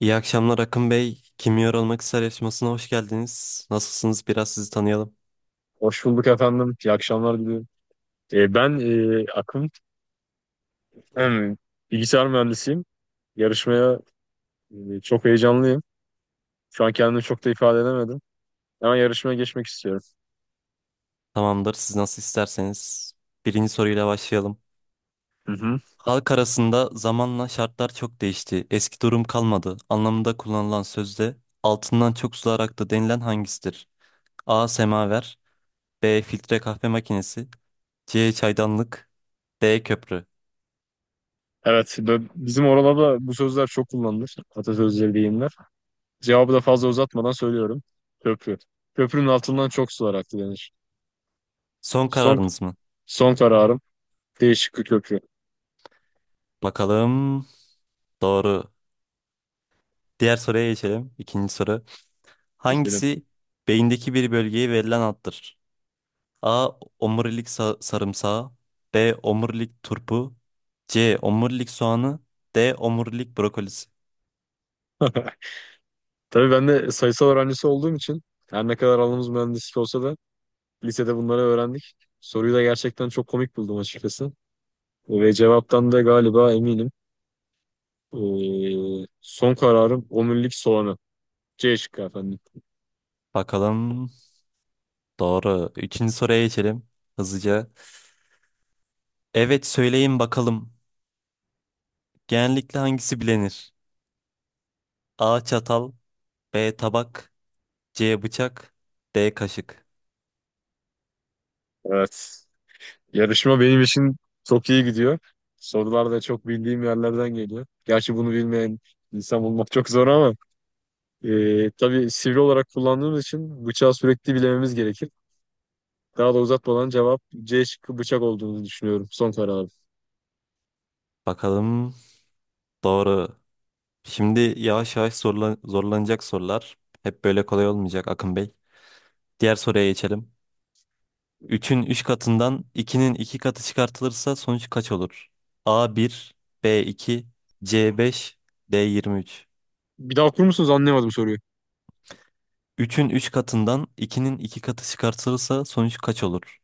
İyi akşamlar Akın Bey. Kim Yer Olmak ister yarışmasına hoş geldiniz. Nasılsınız? Biraz sizi tanıyalım. Hoş bulduk efendim. İyi akşamlar diliyorum. Ben Akın, hem bilgisayar mühendisiyim. Yarışmaya çok heyecanlıyım. Şu an kendimi çok da ifade edemedim. Ama yarışmaya geçmek istiyorum. Tamamdır. Siz nasıl isterseniz. Birinci soruyla başlayalım. Hı hı. Halk arasında zamanla şartlar çok değişti. Eski durum kalmadı. Anlamında kullanılan sözde altından çok sular aktı denilen hangisidir? A. Semaver B. Filtre kahve makinesi C. Çaydanlık D. Köprü. Evet, bizim oralarda bu sözler çok kullanılır. Atasözleri, deyimler. Cevabı da fazla uzatmadan söylüyorum. Köprü. Köprünün altından çok sular aktı denir. Son Son, kararınız mı? son kararım değişik bir köprü. Bakalım. Doğru. Diğer soruya geçelim. İkinci soru. Geçelim. Hangisi beyindeki bir bölgeye verilen addır? A. Omurilik sarımsağı B. Omurilik turpu C. Omurilik soğanı D. Omurilik brokolisi. Tabii ben de sayısal öğrencisi olduğum için her ne kadar alanımız mühendislik olsa da lisede bunları öğrendik. Soruyu da gerçekten çok komik buldum açıkçası. Ve cevaptan da galiba eminim. Son kararım omurilik soğanı. C şıkkı efendim. Bakalım, doğru. Üçüncü soruya geçelim hızlıca. Evet, söyleyin bakalım. Genellikle hangisi bilinir? A. Çatal B. Tabak C. Bıçak D. Kaşık. Evet. Yarışma benim için çok iyi gidiyor. Sorular da çok bildiğim yerlerden geliyor. Gerçi bunu bilmeyen insan bulmak çok zor ama tabii sivri olarak kullandığımız için bıçağı sürekli bilememiz gerekir. Daha da uzatmadan cevap C şıkkı bıçak olduğunu düşünüyorum. Son kararım. Bakalım, doğru. Şimdi yavaş yavaş zorlanacak sorular. Hep böyle kolay olmayacak Akın Bey. Diğer soruya geçelim. Üçün 3 katından ikinin 2 katı çıkartılırsa sonuç kaç olur? A1, B2, C5, D23. Bir daha okur musunuz? Anlayamadım soruyu. Üçün 3 katından ikinin 2 katı çıkartılırsa sonuç kaç olur?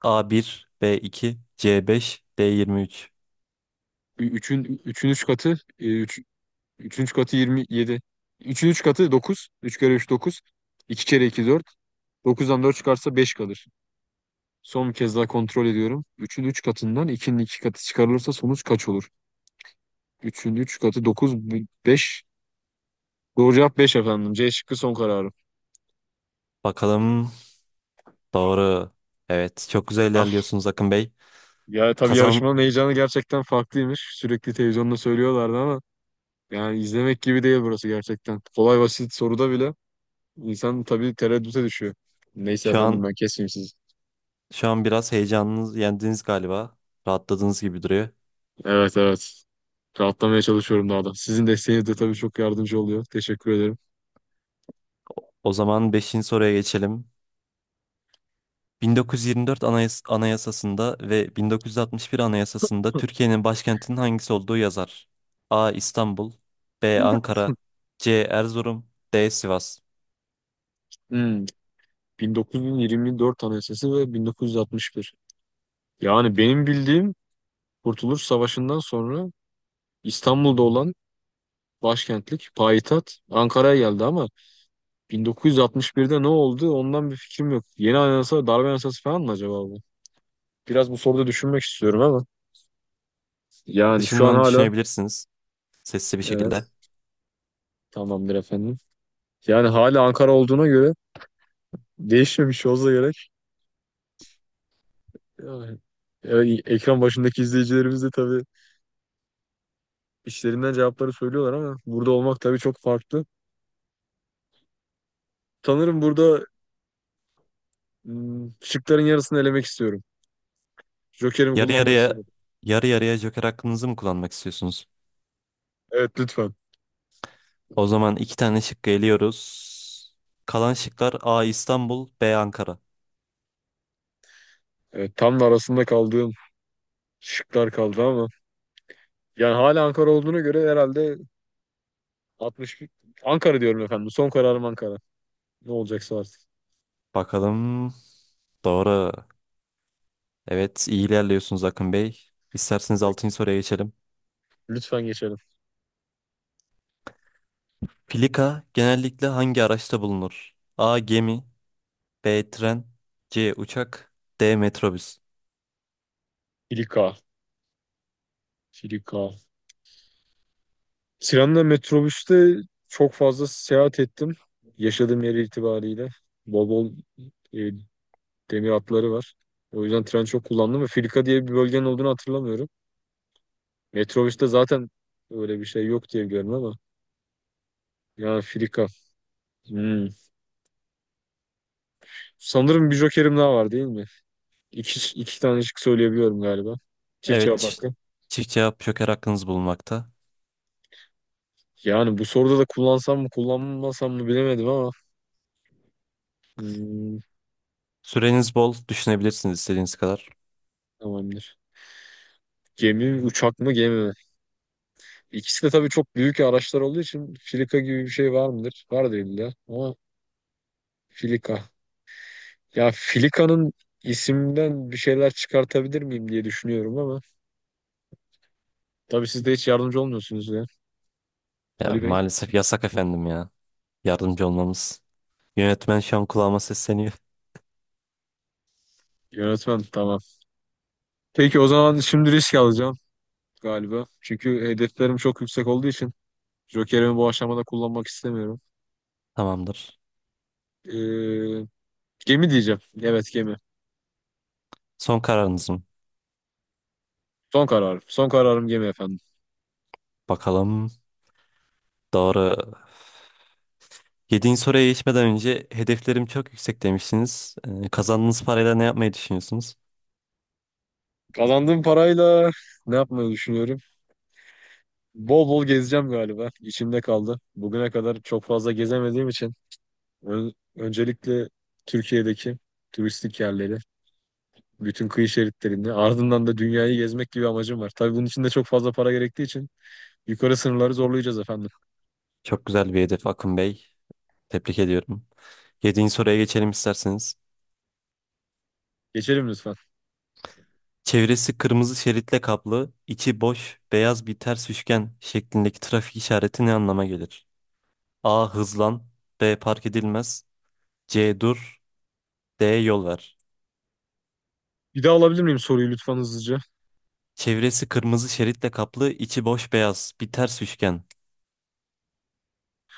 A1, B2, C5, D23. Üçün üç katı, e, üç, üçün üç katı yirmi yedi. Üçün üç katı dokuz, 3 kere 3 dokuz, 2 kere 2 dört, dokuzdan 4 çıkarsa 5 kalır. Son bir kez daha kontrol ediyorum. Üçün 3 katından ikinin 2 katı çıkarılırsa sonuç kaç olur? Üçün 3 katı dokuz, beş. Doğru cevap 5 efendim. C şıkkı son kararım. Bakalım, doğru. Evet, çok güzel Ah ilerliyorsunuz Akın Bey. ya tabii Kazan yarışmanın heyecanı gerçekten farklıymış. Sürekli televizyonda söylüyorlardı ama yani izlemek gibi değil burası gerçekten. Kolay basit soruda bile İnsan tabii tereddüte düşüyor. Neyse şu efendim an ben kesmeyeyim sizi. şu an biraz heyecanınız yendiniz galiba. Rahatladığınız gibi duruyor. Evet, evet. Rahatlamaya çalışıyorum daha da. Sizin desteğiniz de tabii çok yardımcı oluyor. Teşekkür ederim. O zaman beşinci soruya geçelim. 1924 Anayasası'nda ve 1961 Anayasası'nda Türkiye'nin başkentinin hangisi olduğu yazar? A. İstanbul B. Ankara C. Erzurum D. Sivas. Hmm, 1924 Anayasası ve 1961. Yani benim bildiğim Kurtuluş Savaşı'ndan sonra İstanbul'da olan başkentlik, payitaht Ankara'ya geldi ama 1961'de ne oldu ondan bir fikrim yok. Yeni anayasa, darbe anayasası falan mı acaba bu? Biraz bu soruda düşünmek istiyorum ama yani şu an Dışından hala, düşünebilirsiniz, sesli bir şekilde. evet, tamamdır efendim. Yani hala Ankara olduğuna göre değişmemiş olsa gerek. Yani, ekran başındaki izleyicilerimiz de tabii işlerinden cevapları söylüyorlar ama burada olmak tabii çok farklı. Sanırım burada şıkların yarısını elemek istiyorum. Joker'imi Yarı kullanmak yarıya istiyorum. yarı yarıya Joker hakkınızı mı kullanmak istiyorsunuz? Evet lütfen. O zaman iki tane şık geliyoruz. Kalan şıklar A. İstanbul B. Ankara. Evet, tam da arasında kaldığım şıklar kaldı ama yani hala Ankara olduğuna göre herhalde 60, Ankara diyorum efendim. Son kararım Ankara. Ne olacaksa artık. Bakalım, doğru. Evet, iyi ilerliyorsunuz Akın Bey. İsterseniz 6. soruya geçelim. Lütfen geçelim. Filika genellikle hangi araçta bulunur? A. Gemi B. Tren C. Uçak D. Metrobüs. Filika. Filika. Trenle metrobüste çok fazla seyahat ettim. Yaşadığım yer itibariyle. Bol bol e, demir hatları var. O yüzden tren çok kullandım ve Filika diye bir bölgenin olduğunu hatırlamıyorum. Metrobüste zaten öyle bir şey yok diye biliyorum ama, yani Filika. Hmm. Sanırım bir jokerim daha var değil mi? İki tane şık söyleyebiliyorum galiba. Çift Evet, cevap çift, hakkı. çift cevap joker hakkınız bulunmakta. Yani bu soruda da kullansam mı kullanmasam mı bilemedim ama. Hmm, Süreniz bol, düşünebilirsiniz istediğiniz kadar. Tamamdır. Gemi mi, uçak mı, gemi mi? İkisi de tabii çok büyük araçlar olduğu için filika gibi bir şey var mıdır? Var değil illa ama filika. Ya filikanın isimden bir şeyler çıkartabilir miyim diye düşünüyorum ama tabii siz de hiç yardımcı olmuyorsunuz ya. Ya, Ali Bey. maalesef yasak efendim ya. Yardımcı olmamız. Yönetmen şu an kulağıma sesleniyor. Yönetmen tamam. Peki o zaman şimdi risk alacağım galiba. Çünkü hedeflerim çok yüksek olduğu için Joker'imi bu aşamada kullanmak istemiyorum. Tamamdır. Ee, Gemi diyeceğim. Evet, gemi. Son kararınız mı? Son kararım. Son kararım gemi efendim. Bakalım. Doğru. Yediğin soruya geçmeden önce hedeflerim çok yüksek demişsiniz. Kazandığınız parayla ne yapmayı düşünüyorsunuz? Kazandığım parayla ne yapmayı düşünüyorum? Bol bol gezeceğim galiba. İçimde kaldı. Bugüne kadar çok fazla gezemediğim için öncelikle Türkiye'deki turistik yerleri, bütün kıyı şeritlerini, ardından da dünyayı gezmek gibi amacım var. Tabii bunun için de çok fazla para gerektiği için yukarı sınırları zorlayacağız efendim. Çok güzel bir hedef Akın Bey. Tebrik ediyorum. Yediğin soruya geçelim isterseniz. Geçelim lütfen. Çevresi kırmızı şeritle kaplı, içi boş, beyaz bir ters üçgen şeklindeki trafik işareti ne anlama gelir? A. Hızlan B. Park edilmez C. Dur D. Yol ver. Bir daha alabilir miyim soruyu lütfen hızlıca? Çevresi kırmızı şeritle kaplı, içi boş beyaz, bir ters üçgen.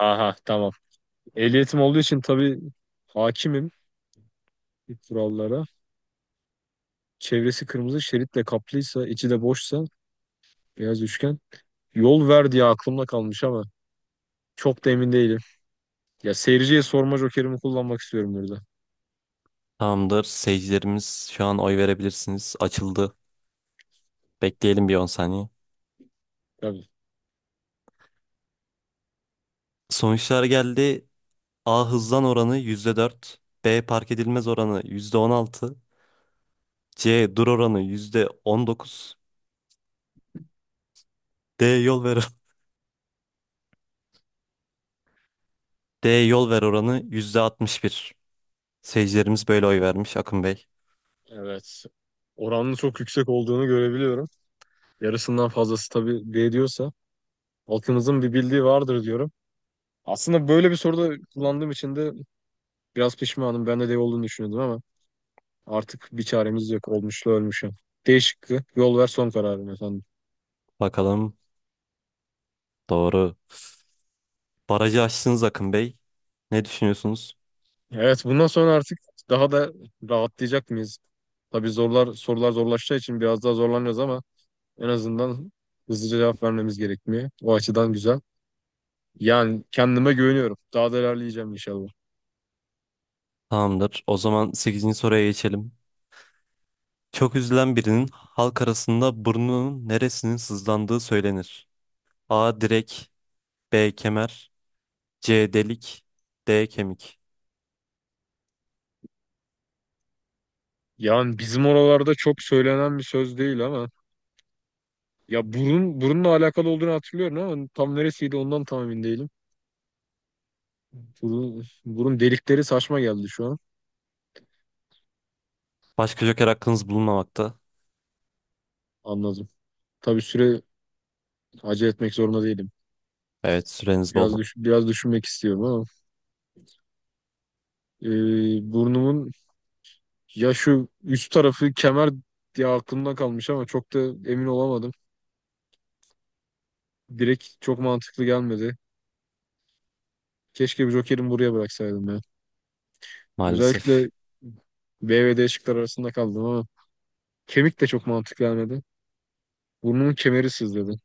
Aha tamam. Ehliyetim olduğu için tabii hakimim kurallara. Çevresi kırmızı şeritle kaplıysa, içi de boşsa, beyaz üçgen. Yol ver diye aklımda kalmış ama çok da emin değilim. Ya seyirciye sorma jokerimi kullanmak istiyorum burada. Tamamdır. Seyircilerimiz şu an oy verebilirsiniz. Açıldı. Bekleyelim bir 10 saniye. Tabii. Sonuçlar geldi. A hızlan oranı %4. B park edilmez oranı %16, C dur oranı %19. D yol ver D yol ver oranı %61. Seyircilerimiz böyle oy vermiş Akın Bey. Evet. Oranın çok yüksek olduğunu görebiliyorum. Yarısından fazlası tabii D diyorsa halkımızın bir bildiği vardır diyorum. Aslında böyle bir soruda kullandığım için de biraz pişmanım. Ben de D olduğunu düşünüyordum ama artık bir çaremiz yok. Olmuşla ölmüşüm. D şıkkı. Yol ver son kararım efendim. Bakalım, doğru. Barajı aştınız Akın Bey. Ne düşünüyorsunuz? Evet, bundan sonra artık daha da rahatlayacak mıyız? Tabii zorlar sorular zorlaşacağı için biraz daha zorlanacağız ama en azından hızlıca cevap vermemiz gerekmiyor. O açıdan güzel. Yani kendime güveniyorum. Daha da ilerleyeceğim inşallah. Tamamdır. O zaman sekizinci soruya geçelim. Çok üzülen birinin halk arasında burnunun neresinin sızlandığı söylenir. A. Direk B. Kemer C. Delik D. Kemik. Yani bizim oralarda çok söylenen bir söz değil ama ya burun burunla alakalı olduğunu hatırlıyorum ama tam neresiydi ondan tam emin değilim. Burun, burun delikleri saçma geldi şu an. Başka joker hakkınız bulunmamakta. Anladım. Tabii süre, acele etmek zorunda değilim. Evet, süreniz bol. Biraz düşünmek istiyorum ama e, burnumun, ya şu üst tarafı kemer diye aklımda kalmış ama çok da emin olamadım. Direkt çok mantıklı gelmedi. Keşke bir Joker'imi buraya bıraksaydım ya. Maalesef. Özellikle B ve D şıklar arasında kaldım ama kemik de çok mantıklı gelmedi. Burnumun kemeri sızladı.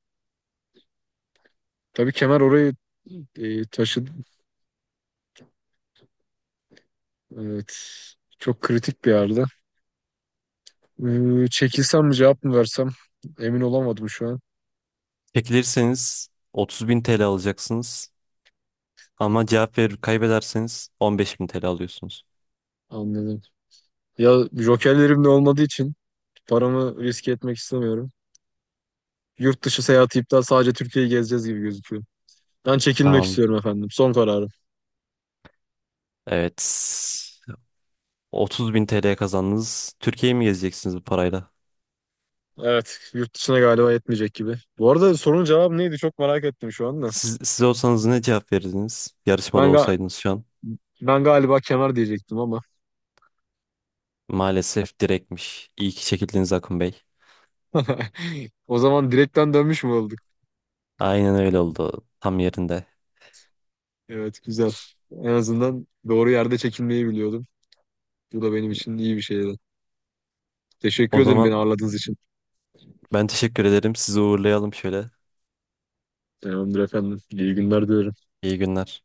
Tabii kemer orayı taşıdı. Evet. Çok kritik bir yerde. Çekilsem mi cevap mı versem emin olamadım şu an. Çekilirseniz 30.000 TL alacaksınız. Ama cevap verir kaybederseniz 15.000 TL alıyorsunuz. Anladım. Ya jokerlerim de olmadığı için paramı riske etmek istemiyorum. Yurt dışı seyahati iptal, sadece Türkiye'yi gezeceğiz gibi gözüküyor. Ben çekilmek Tamam. istiyorum efendim. Son kararım. Evet. 30.000 TL kazandınız. Türkiye'yi mi gezeceksiniz bu parayla? Evet, yurt dışına galiba yetmeyecek gibi. Bu arada sorunun cevabı neydi? Çok merak ettim şu anda. Siz olsanız ne cevap verirdiniz? Yarışmada Ben ga- olsaydınız şu an. Ben galiba kemer diyecektim ama. Maalesef direktmiş. İyi ki çekildiniz Akın Bey. O zaman direkten dönmüş mü olduk? Aynen öyle oldu. Tam yerinde. Evet, güzel. En azından doğru yerde çekilmeyi biliyordum. Bu da benim için iyi bir şeydi. Teşekkür O ederim beni zaman ağırladığınız için. ben teşekkür ederim. Sizi uğurlayalım şöyle. Tamamdır efendim. İyi günler diliyorum. İyi günler.